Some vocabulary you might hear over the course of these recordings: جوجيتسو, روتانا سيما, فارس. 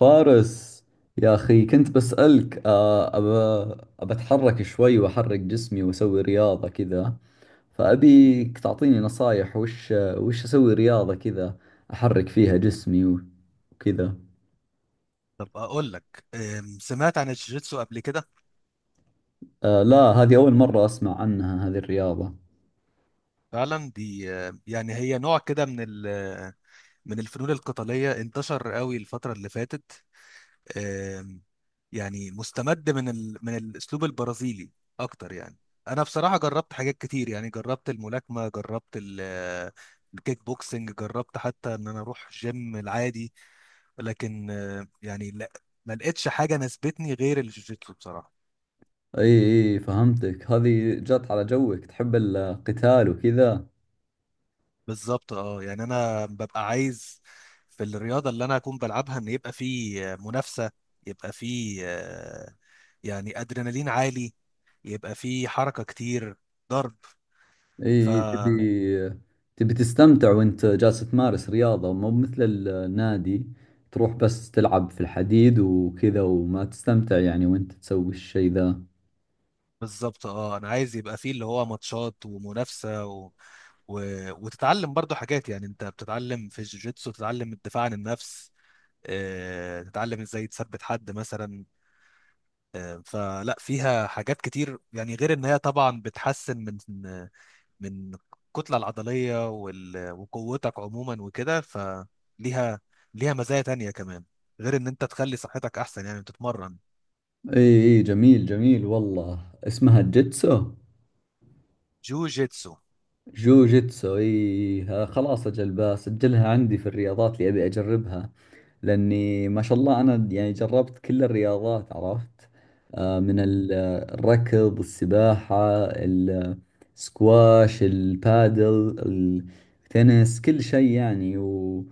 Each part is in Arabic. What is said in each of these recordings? فارس، يا أخي كنت بسألك أبى أتحرك شوي وأحرك جسمي وأسوي رياضة كذا. فأبيك تعطيني نصايح وش أسوي رياضة كذا، أحرك فيها جسمي وكذا. طب اقول لك سمعت عن الجيجيتسو قبل كده. آه، لا، هذه أول مرة أسمع عنها هذه الرياضة. فعلا دي يعني هي نوع كده من الفنون القتاليه انتشر قوي الفتره اللي فاتت. أم، يعني مستمد من الاسلوب البرازيلي اكتر يعني. انا بصراحه جربت حاجات كتير، يعني جربت الملاكمه، جربت الكيك بوكسنج، جربت حتى ان انا اروح جيم العادي، لكن يعني لا، ما لقيتش حاجه ناسبتني غير الجيجيتسو بصراحه. إي، إي فهمتك، هذه جات على جوك، تحب القتال وكذا. بالظبط اه، يعني انا ببقى عايز في الرياضه اللي انا اكون بلعبها ان يبقى في منافسه، يبقى في يعني ادرينالين عالي، يبقى في حركه كتير، ضرب. ف اي، تبي، تبي تستمتع وانت جالس تمارس رياضة، مو مثل النادي تروح بس تلعب في الحديد وكذا وما تستمتع يعني وانت تسوي الشيء ذا. بالظبط اه، انا عايز يبقى فيه اللي هو ماتشات ومنافسه و... وتتعلم برضو حاجات. يعني انت بتتعلم في الجوجيتسو، تتعلم الدفاع عن النفس، تتعلم ازاي تثبت حد مثلا. فلا، فيها حاجات كتير يعني، غير ان هي طبعا بتحسن من من الكتلة العضلية وقوتك عموما وكده. ليها مزايا تانية كمان غير ان انت تخلي صحتك احسن يعني تتمرن. اي اي، جميل جميل والله. اسمها الجيتسو؟ جوجيتسو. جوجيتسو، اي. خلاص، اجل بسجلها عندي في الرياضات اللي ابي اجربها، لاني ما شاء الله انا يعني جربت كل الرياضات، عرفت آه، من مم. ال- الركض، السباحة، السكواش، البادل، التنس، كل شيء يعني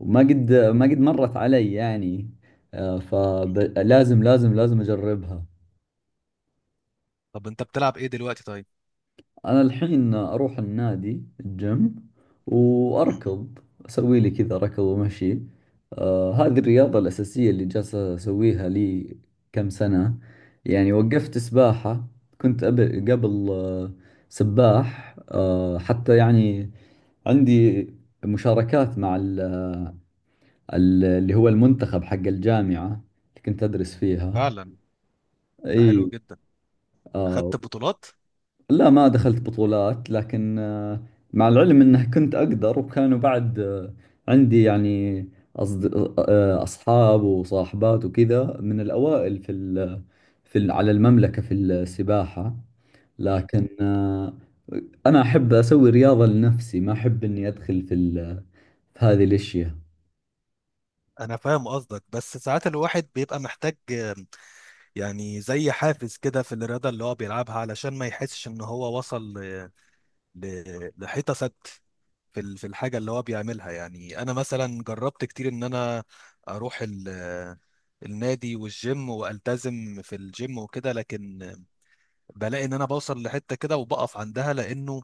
وما قد ما قد مرت علي يعني. مم. فلازم لازم لازم اجربها. طب انت بتلعب ايه دلوقتي طيب؟ أنا الحين أروح النادي، الجيم، مم. وأركض، أسوي لي كذا ركض ومشي. آه، هذه الرياضة الأساسية اللي جالسة أسويها لي كم سنة. يعني مم. وقفت سباحة، قبل سباح آه، حتى يعني عندي مشاركات مع اللي هو المنتخب حق الجامعة اللي كنت أدرس فيها. فعلا. ده حلو إي. جدا. آه، خدت بطولات؟ لا ما دخلت بطولات، لكن مع العلم انه كنت اقدر، وكانوا بعد عندي يعني أصد... آه، اصحاب وصاحبات وكذا من الاوائل على المملكة في السباحة. مم. لكن انا احب اسوي رياضة لنفسي، ما احب اني ادخل في هذه الاشياء. انا فاهم قصدك، بس ساعات الواحد بيبقى محتاج يعني زي حافز كده في الرياضة اللي هو بيلعبها، علشان ما يحسش ان هو وصل لحيطة سد في في الحاجه اللي هو بيعملها. يعني انا مثلا جربت كتير ان انا اروح النادي والجيم والتزم في الجيم وكده، لكن بلاقي ان انا بوصل لحته كده وبقف عندها، لانه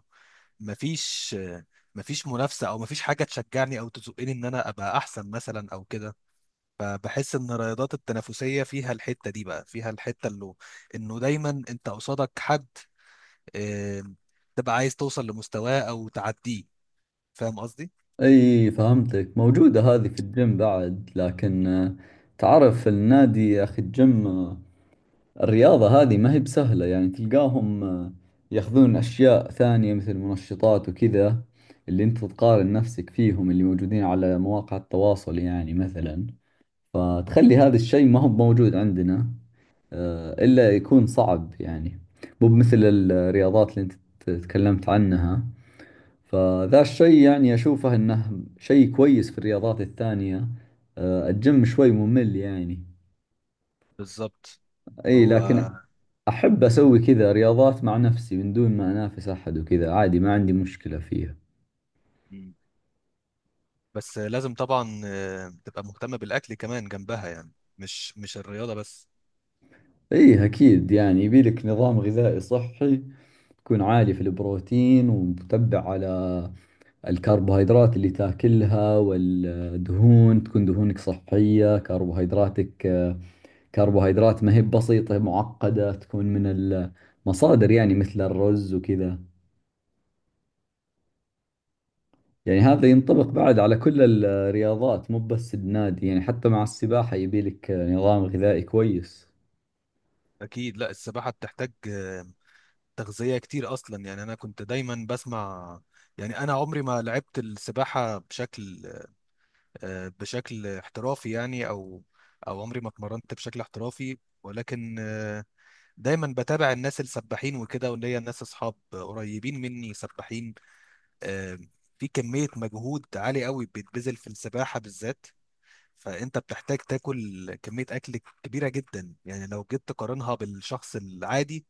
مفيش مفيش منافسه او مفيش حاجه تشجعني او تزقني ان انا ابقى احسن مثلا او كده. فبحس ان الرياضات التنافسيه فيها الحته دي، بقى فيها الحته اللي انه دايما انت قصادك حد، آه، تبقى عايز توصل لمستواه او تعديه. فاهم قصدي؟ اي فهمتك، موجودة هذه في الجيم بعد، لكن تعرف النادي يا اخي، الجيم الرياضة هذه ما هي بسهلة، يعني تلقاهم ياخذون أشياء ثانية مثل منشطات وكذا، اللي أنت تقارن نفسك فيهم، اللي موجودين على مواقع التواصل يعني مثلا، فتخلي هذا الشيء ما هو موجود عندنا إلا يكون صعب يعني، مو مثل الرياضات اللي أنت تكلمت عنها. فذا الشيء يعني أشوفه أنه شيء كويس في الرياضات الثانية. الجيم شوي ممل يعني. بالظبط. أي، هو لكن أحب مم. أسوي كذا رياضات مع نفسي من دون ما أنافس أحد وكذا، عادي، ما عندي مشكلة فيها. مم. بس لازم طبعا تبقى مهتمة بالأكل كمان جنبها، يعني مش الرياضة بس. إيه أكيد، يعني يبيلك نظام غذائي صحي، تكون عالي في البروتين، ومتبع على الكربوهيدرات اللي تاكلها، والدهون تكون دهونك صحية، كربوهيدراتك، كربوهيدرات ما هي بسيطة، معقدة، تكون من المصادر يعني مثل الرز وكذا. يعني هذا ينطبق بعد على كل الرياضات، مو بس النادي، يعني حتى مع السباحة يبي لك نظام غذائي كويس. أكيد، لا السباحة بتحتاج تغذية كتير أصلا. يعني أنا كنت دايما بسمع، يعني أنا عمري ما لعبت السباحة بشكل بشكل احترافي يعني، أو عمري ما اتمرنت بشكل احترافي، ولكن دايما بتابع الناس السباحين وكده، وليا ناس أصحاب قريبين مني سباحين. آه، في كمية مجهود عالي قوي بيتبذل في السباحة بالذات، فانت بتحتاج تاكل كميه اكل كبيره جدا. يعني لو جيت تقارنها بالشخص العادي،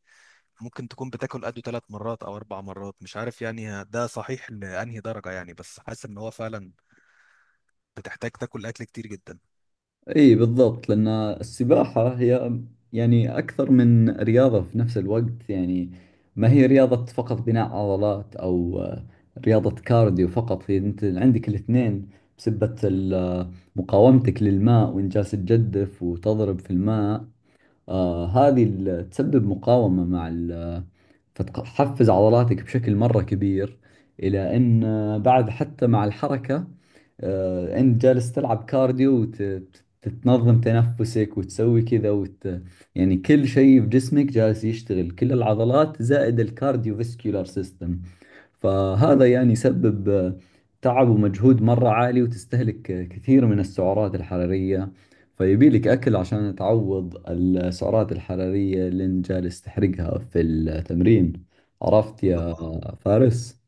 ممكن تكون بتاكل قده ثلاث مرات او اربع مرات، مش عارف يعني ده صحيح لانهي درجه، يعني بس حاسس ان هو فعلا بتحتاج تاكل اكل كتير جدا. اي بالضبط، لأن السباحة هي يعني أكثر من رياضة في نفس الوقت يعني، ما هي رياضة فقط بناء عضلات، أو رياضة كارديو فقط، هي أنت عندك الاثنين، بسبة مقاومتك للماء، وإن جالس تجدف وتضرب في الماء. آه، تسبب مقاومة، مع فتحفز عضلاتك بشكل مرة كبير، إلى أن بعد حتى مع الحركة أنت جالس تلعب كارديو، وتتنظم تنفسك وتسوي كذا يعني كل شيء في جسمك جالس يشتغل، كل العضلات زائد الكارديو فيسكولار سيستم. فهذا يعني يسبب تعب ومجهود مرة عالي، وتستهلك كثير من السعرات الحرارية، فيبي لك أكل عشان تعوض السعرات الحرارية اللي انت جالس تحرقها في التمرين. عرفت طب يا فارس؟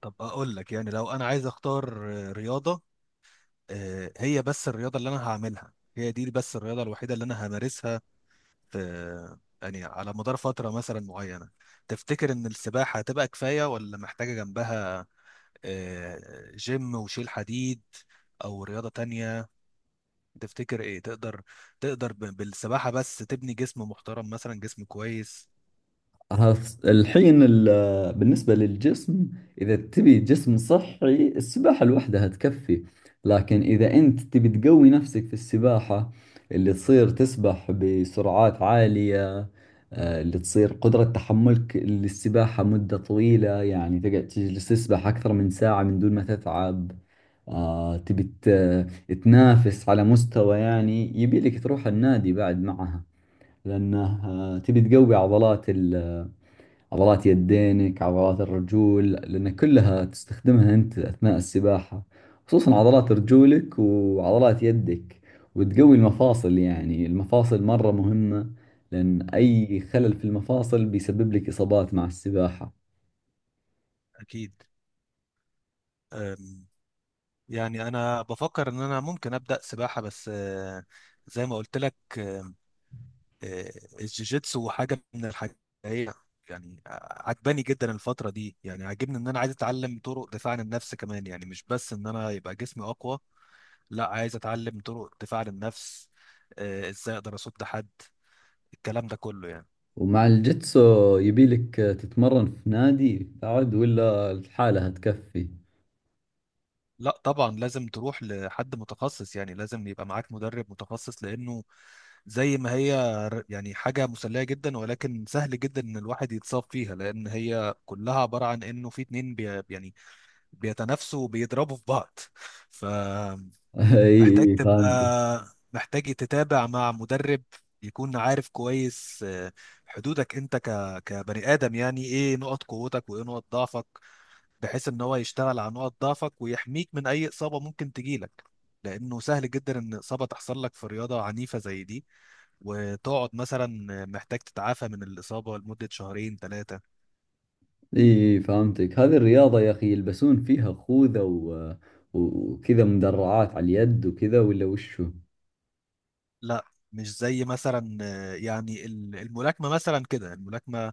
طب اقول لك، يعني لو انا عايز اختار رياضه، هي بس الرياضه اللي انا هعملها، هي دي بس الرياضه الوحيده اللي انا همارسها في، يعني على مدار فتره مثلا معينه، تفتكر ان السباحه هتبقى كفايه ولا محتاجه جنبها جيم وشيل حديد او رياضة تانية؟ تفتكر ايه؟ تقدر بالسباحة بس تبني جسم محترم، مثلا جسم كويس؟ الحين بالنسبة للجسم، إذا تبي جسم صحي السباحة لوحدها تكفي. لكن إذا أنت تبي تقوي نفسك في السباحة، اللي تصير تسبح بسرعات عالية، اللي تصير قدرة تحملك للسباحة مدة طويلة، يعني تجلس تسبح أكثر من ساعة من دون ما تتعب، تبي تنافس على مستوى، يعني يبي لك تروح النادي بعد معها، لأنه تبي تقوي عضلات، عضلات يدينك، عضلات الرجول، لأن كلها تستخدمها أنت أثناء السباحة، خصوصا عضلات رجولك وعضلات يدك، وتقوي المفاصل، يعني المفاصل مرة مهمة، لأن م، أي خلل في المفاصل بيسبب لك إصابات مع السباحة. اكيد. أم، يعني انا بفكر ان انا ممكن ابدا سباحة، بس زي ما قلت لك، آه، الجيجيتسو حاجة من الحاجات، هي يعني عجباني جدا الفترة دي. يعني عاجبني ان انا عايز اتعلم طرق دفاع عن النفس كمان، يعني مش بس ان انا يبقى جسمي اقوى، لا، عايز اتعلم طرق دفاع عن النفس، ازاي اقدر اصد حد، الكلام ده كله يعني. ومع الجيتسو يبيلك تتمرن في نادي بعد، ولا الحالة هتكفي؟ لا طبعا، لازم تروح لحد متخصص، يعني لازم يبقى معاك مدرب متخصص، لانه زي ما هي يعني حاجة مسلية جدا، ولكن سهل جدا ان الواحد يتصاب فيها، لان هي كلها عبارة عن انه في اتنين بي يعني بيتنافسوا وبيضربوا في بعض ف محتاج أي تبقى فهمت. محتاج تتابع مع مدرب يكون عارف كويس حدودك انت كبني ادم. يعني ايه نقط قوتك وايه نقط ضعفك، بحيث ان هو يشتغل على نقط ضعفك ويحميك من اي اصابه ممكن تجيلك، لانه سهل جدا ان اصابه تحصل لك في رياضه عنيفه زي دي، وتقعد مثلا محتاج تتعافى من الاصابه لمده شهرين ثلاثه. اي فهمتك، هذه الرياضة يا اخي يلبسون فيها خوذة وكذا مدرعات على اليد وكذا، ولا وشو؟ لا، مش زي مثلا يعني الملاكمه مثلا كده، الملاكمه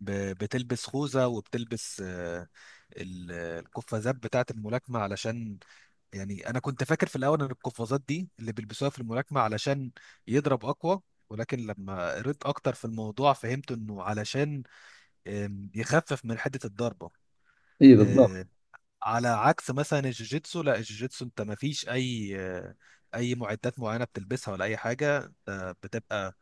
بتلبس خوذة وبتلبس القفازات بتاعة الملاكمة علشان، يعني أنا كنت فاكر في الأول إن القفازات دي اللي بيلبسوها في الملاكمة علشان يضرب أقوى، ولكن لما قريت أكتر في الموضوع فهمت إنه علشان يخفف من حدة الضربة. اي بالضبط. آه، على عكس مثلا الجوجيتسو، لا الجوجيتسو أنت مفيش أي أي معدات معينة بتلبسها ولا أي حاجة، بتبقى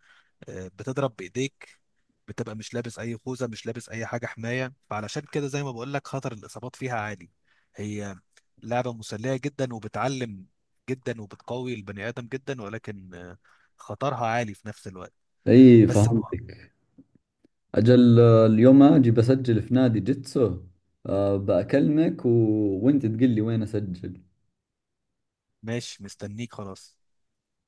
بتضرب بإيديك، بتبقى مش لابس اي خوذه مش لابس اي حاجه حمايه، فعلشان كده زي ما بقول لك خطر الاصابات فيها عالي. هي لعبه مسليه جدا وبتعلم جدا وبتقوي البني ادم جدا، ولكن خطرها عالي في نفس الوقت. اي بس، فهمتك. اجل اليوم اجي بسجل في نادي جيتسو، بأكلمك وانت تقول لي وين اسجل. ماشي مستنيك خلاص.